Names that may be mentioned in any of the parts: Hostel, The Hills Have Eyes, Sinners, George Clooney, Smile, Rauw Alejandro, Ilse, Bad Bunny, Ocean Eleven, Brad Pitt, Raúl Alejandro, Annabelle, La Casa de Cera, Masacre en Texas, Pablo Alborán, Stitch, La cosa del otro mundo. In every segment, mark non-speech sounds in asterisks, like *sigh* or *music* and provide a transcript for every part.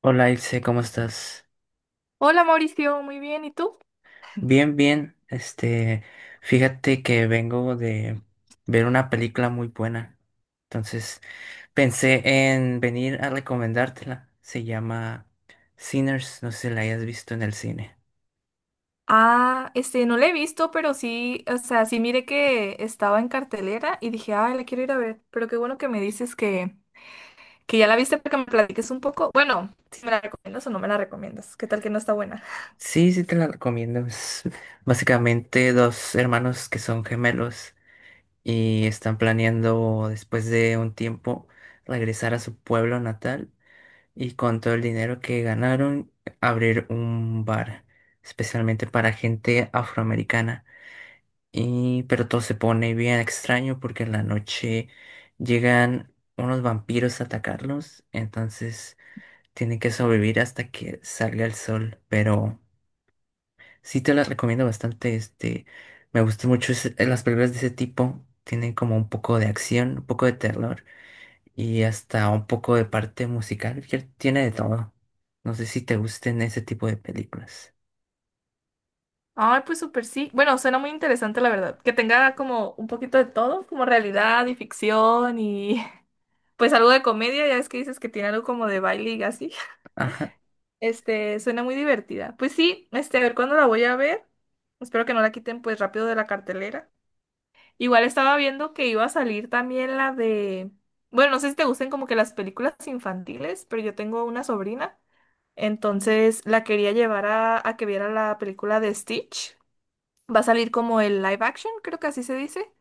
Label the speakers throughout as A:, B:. A: Hola Ilse, ¿cómo estás?
B: Hola Mauricio, muy bien, ¿y tú?
A: Bien, bien. Este, fíjate que vengo de ver una película muy buena. Entonces, pensé en venir a recomendártela. Se llama Sinners, no sé si la hayas visto en el cine.
B: Ah, este, no la he visto, pero sí, o sea, sí miré que estaba en cartelera y dije, ay, la quiero ir a ver, pero qué bueno que me dices que ya la viste para que me platiques un poco. Bueno, si me la recomiendas o no me la recomiendas, ¿qué tal que no está buena?
A: Sí, sí te la recomiendo. Es básicamente dos hermanos que son gemelos y están planeando, después de un tiempo, regresar a su pueblo natal y, con todo el dinero que ganaron, abrir un bar, especialmente para gente afroamericana. Y pero todo se pone bien extraño, porque en la noche llegan unos vampiros a atacarlos. Entonces tienen que sobrevivir hasta que salga el sol. Pero sí te las recomiendo bastante. Este, me gustan mucho las películas de ese tipo. Tienen como un poco de acción, un poco de terror y hasta un poco de parte musical, que tiene de todo. No sé si te gusten ese tipo de películas.
B: Ay, pues súper sí. Bueno, suena muy interesante, la verdad, que tenga como un poquito de todo, como realidad y ficción y *laughs* pues algo de comedia, ya es que dices que tiene algo como de baile y así.
A: Ajá.
B: Suena muy divertida. Pues sí, a ver cuándo la voy a ver. Espero que no la quiten pues rápido de la cartelera. Igual estaba viendo que iba a salir también la de... Bueno, no sé si te gusten como que las películas infantiles, pero yo tengo una sobrina. Entonces la quería llevar a que viera la película de Stitch. Va a salir como el live action, creo que así se dice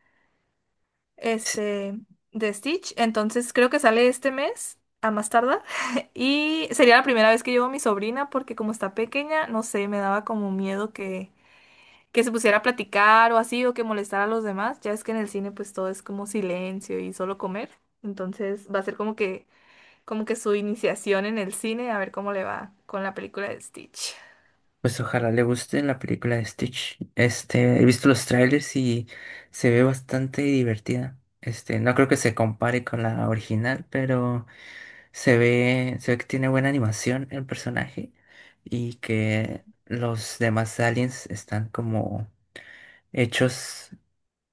A: Sí.
B: este, de Stitch. Entonces creo que sale este mes, a más tardar. *laughs* Y sería la primera vez que llevo a mi sobrina porque como está pequeña, no sé, me daba como miedo que, se pusiera a platicar o así o que molestara a los demás. Ya es que en el cine pues todo es como silencio y solo comer. Entonces va a ser como que su iniciación en el cine, a ver cómo le va con la película de Stitch.
A: Pues ojalá le guste la película de Stitch. Este, he visto los trailers y se ve bastante divertida. Este, no creo que se compare con la original, pero se ve que tiene buena animación el personaje y que los demás aliens están como hechos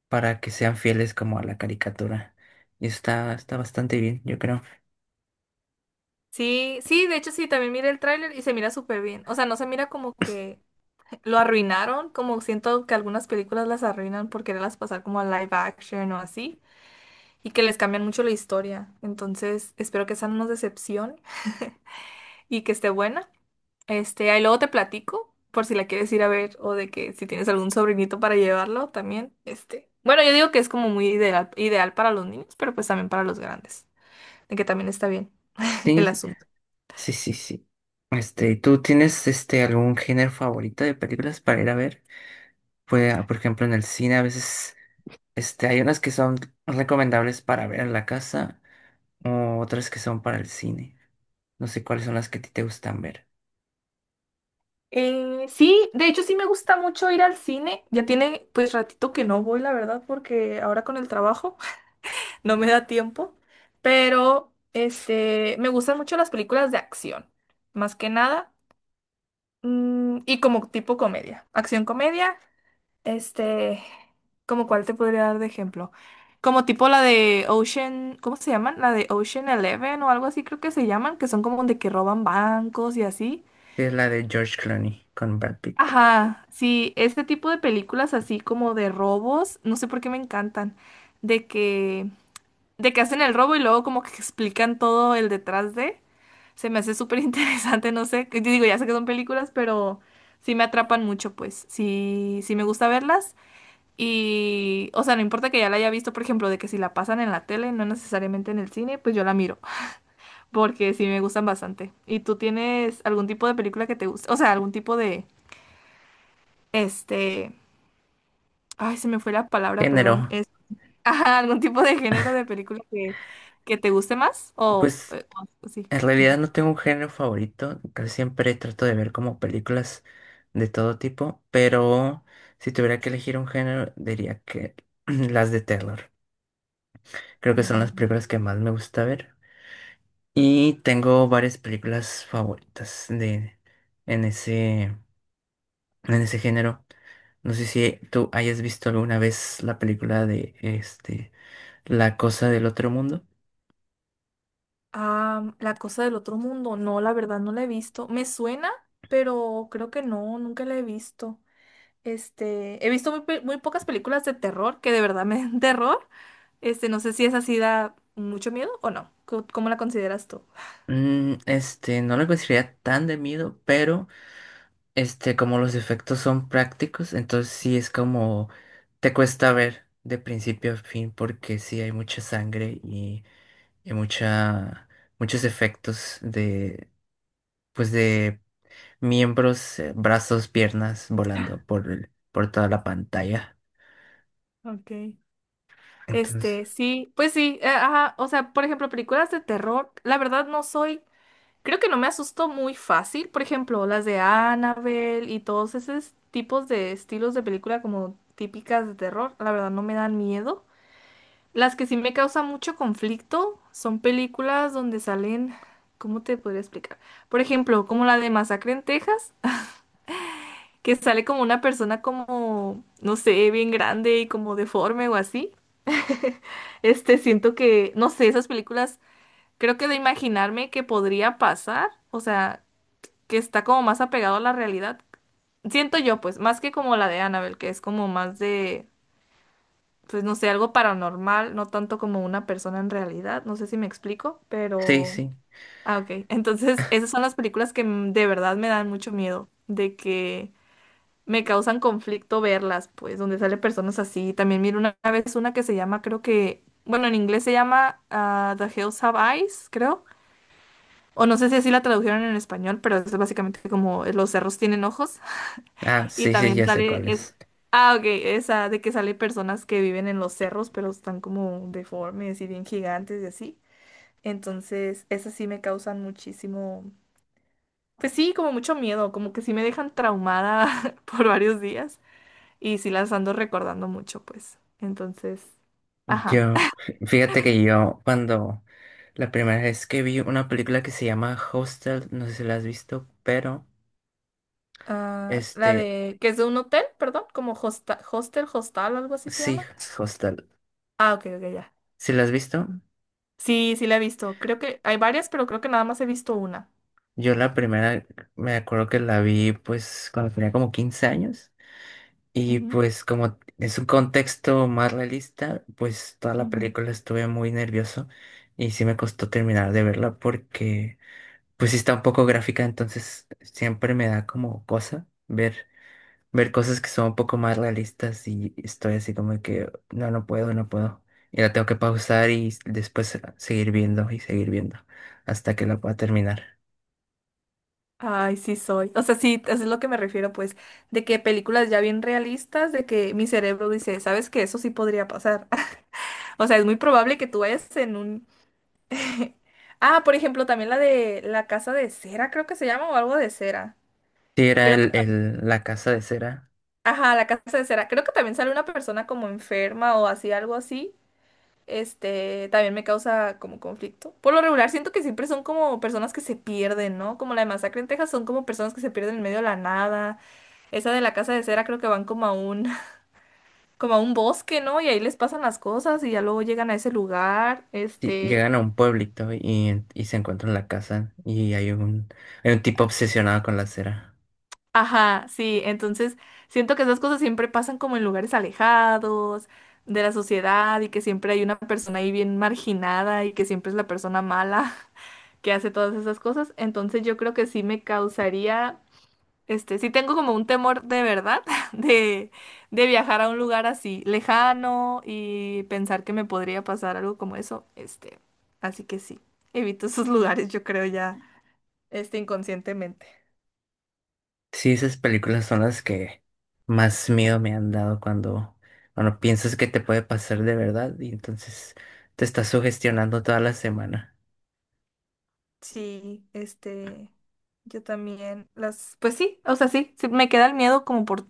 A: para que sean fieles como a la caricatura. Y está bastante bien, yo creo.
B: Sí, sí, de hecho sí, también mira el tráiler y se mira súper bien. O sea, no se mira como que lo arruinaron, como siento que algunas películas las arruinan por quererlas pasar como a live action o así, y que les cambian mucho la historia. Entonces, espero que esa no nos decepcione y que esté buena. Ahí luego te platico por si la quieres ir a ver o de que si tienes algún sobrinito para llevarlo también. Bueno, yo digo que es como muy ideal, ideal para los niños, pero pues también para los grandes, de que también está bien *laughs*
A: Sí,
B: el
A: sí,
B: asunto.
A: sí, sí, sí. Este, ¿tú tienes este algún género favorito de películas para ir a ver? Pues, por ejemplo, en el cine a veces este, hay unas que son recomendables para ver en la casa o otras que son para el cine. No sé cuáles son las que a ti te gustan ver.
B: Sí, de hecho sí me gusta mucho ir al cine. Ya tiene pues ratito que no voy, la verdad, porque ahora con el trabajo, no me da tiempo, pero me gustan mucho las películas de acción, más que nada, y como tipo comedia, acción comedia, este, como cuál te podría dar de ejemplo, como tipo la de Ocean, ¿cómo se llaman? La de Ocean Eleven o algo así creo que se llaman, que son como de que roban bancos y así.
A: Sí, es la de George Clooney con Brad Pitt.
B: Ajá, sí, este tipo de películas así como de robos, no sé por qué me encantan, de que de que hacen el robo y luego como que explican todo el detrás de. Se me hace súper interesante, *laughs* no sé, que te digo, ya sé que son películas, pero sí me atrapan mucho, pues. Sí, sí me gusta verlas. Y, o sea, no importa que ya la haya visto, por ejemplo, de que si la pasan en la tele, no necesariamente en el cine, pues yo la miro, porque sí me gustan bastante. ¿Y tú tienes algún tipo de película que te guste? O sea, algún tipo de, este, ay, se me fue la palabra,
A: Género.
B: perdón. Es, *laughs* ajá, algún tipo de género de película que te guste más o,
A: Pues,
B: eh, o sí.
A: en realidad no tengo un género favorito, casi siempre trato de ver como películas de todo tipo, pero si tuviera que elegir un género diría que *clears throat* las de terror. Creo que son las
B: Mm.
A: películas que más me gusta ver y tengo varias películas favoritas de en ese en ese género. No sé si tú hayas visto alguna vez la película de este La cosa del otro mundo.
B: Ah, La cosa del otro mundo, no, la verdad no la he visto. Me suena, pero creo que no, nunca la he visto. He visto muy pocas películas de terror que de verdad me den *laughs* terror. No sé si esa sí da mucho miedo o no. ¿Cómo la consideras tú?
A: Este, no la consideraría tan de miedo, pero este, como los efectos son prácticos, entonces sí es como te cuesta ver de principio a fin, porque sí hay mucha sangre y mucha, muchos efectos de, pues, de miembros, brazos, piernas volando por por toda la pantalla.
B: Okay.
A: Entonces,
B: Sí, pues sí, ajá, o sea, por ejemplo, películas de terror, la verdad no soy. Creo que no me asustó muy fácil, por ejemplo, las de Annabelle y todos esos tipos de estilos de película como típicas de terror, la verdad no me dan miedo. Las que sí me causan mucho conflicto son películas donde salen, ¿cómo te podría explicar? Por ejemplo, como la de Masacre en Texas, *laughs* que sale como una persona como, no sé, bien grande y como deforme o así. Siento que, no sé, esas películas, creo que de imaginarme que podría pasar, o sea... Que está como más apegado a la realidad. Siento yo, pues, más que como la de Annabelle, que es como más de, pues, no sé, algo paranormal, no tanto como una persona en realidad. No sé si me explico,
A: sí,
B: pero...
A: sí.
B: Ah, ok. *laughs* Entonces, esas son las películas que de verdad me dan mucho miedo, de que me causan conflicto verlas, pues, donde sale personas así. También miro una vez una que se llama, creo que, bueno, en inglés se llama The Hills Have Eyes, creo. O no sé si así la tradujeron en español, pero es básicamente como los cerros tienen ojos.
A: Ah,
B: Y
A: sí, sí,
B: también
A: ya sé
B: sale,
A: cuál es.
B: ok, esa de que sale personas que viven en los cerros, pero están como deformes y bien gigantes y así. Entonces, esas sí me causan muchísimo, pues sí, como mucho miedo, como que sí me dejan traumada *laughs* por varios días y sí las ando recordando mucho, pues. Entonces, ajá.
A: Yo, fíjate que yo, cuando la primera vez que vi una película que se llama Hostel, no sé si la has visto, pero...
B: Ah, la
A: Este,
B: de, que es de un hotel, perdón, como hostel, hostal, algo así se
A: sí,
B: llama.
A: Hostal.
B: Ah, ok, ok, ya.
A: ¿Sí la has visto?
B: Sí, sí la he visto. Creo que hay varias, pero creo que nada más he visto una.
A: Yo la primera me acuerdo que la vi pues cuando tenía como 15 años, y
B: Ujú,
A: pues como es un contexto más realista, pues toda la
B: ujú.
A: película estuve muy nervioso y sí me costó terminar de verla, porque pues sí está un poco gráfica. Entonces siempre me da como cosa ver cosas que son un poco más realistas, y estoy así como que no, no puedo, no puedo. Y la tengo que pausar y después, seguir viendo y seguir viendo hasta que la pueda terminar.
B: Ay, sí soy. O sea, sí, eso es lo que me refiero, pues, de que películas ya bien realistas, de que mi cerebro dice, ¿sabes qué? Eso sí podría pasar. *laughs* O sea, es muy probable que tú vayas en un... *laughs* Ah, por ejemplo, también la de La Casa de Cera, creo que se llama, o algo de cera.
A: Sí, era
B: Creo que...
A: la casa de cera.
B: Ajá, La Casa de Cera. Creo que también sale una persona como enferma o así, algo así. También me causa como conflicto. Por lo regular, siento que siempre son como personas que se pierden, ¿no? Como la de Masacre en Texas, son como personas que se pierden en medio de la nada. Esa de la casa de cera creo que van como a un, *laughs* como a un bosque, ¿no? Y ahí les pasan las cosas y ya luego llegan a ese lugar,
A: Sí,
B: este,
A: llegan a un pueblito y se encuentran la casa y hay un tipo obsesionado con la cera.
B: ajá, sí, entonces siento que esas cosas siempre pasan como en lugares alejados de la sociedad y que siempre hay una persona ahí bien marginada y que siempre es la persona mala *laughs* que hace todas esas cosas, entonces yo creo que sí me causaría. Sí tengo como un temor de verdad *laughs* de, de viajar a un lugar así lejano y pensar que me podría pasar algo como eso. Así que sí, evito esos *laughs* lugares, yo creo ya, inconscientemente.
A: Sí, esas películas son las que más miedo me han dado, cuando piensas que te puede pasar de verdad y entonces te estás sugestionando toda la semana.
B: Sí, yo también las, pues sí, o sea, sí, sí, me queda el miedo como por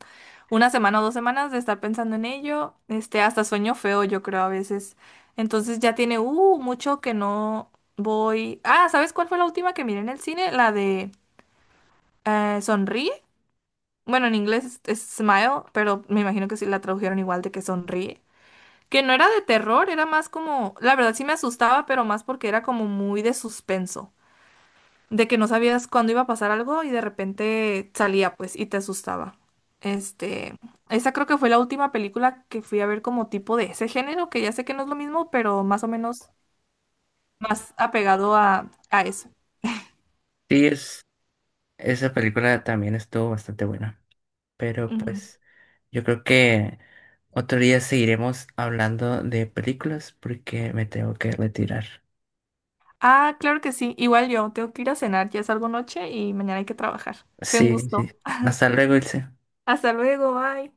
B: una semana o dos semanas de estar pensando en ello, hasta sueño feo, yo creo a veces. Entonces ya tiene, mucho que no voy. Ah, ¿sabes cuál fue la última que miré en el cine? La de Sonríe. Bueno, en inglés es Smile, pero me imagino que sí la tradujeron igual de que Sonríe. Que no era de terror, era más como, la verdad sí me asustaba, pero más porque era como muy de suspenso de que no sabías cuándo iba a pasar algo y de repente salía, pues, y te asustaba. Este, Esa creo que fue la última película que fui a ver como tipo de ese género, que ya sé que no es lo mismo, pero más o menos más apegado a eso.
A: Sí, es esa película también estuvo bastante buena. Pero
B: Ujú.
A: pues yo creo que otro día seguiremos hablando de películas, porque me tengo que retirar.
B: Ah, claro que sí, igual yo, tengo que ir a cenar, ya es algo noche y mañana hay que trabajar. Fue un
A: Sí, sí.
B: gusto.
A: Hasta luego, Ilse.
B: Hasta luego, bye.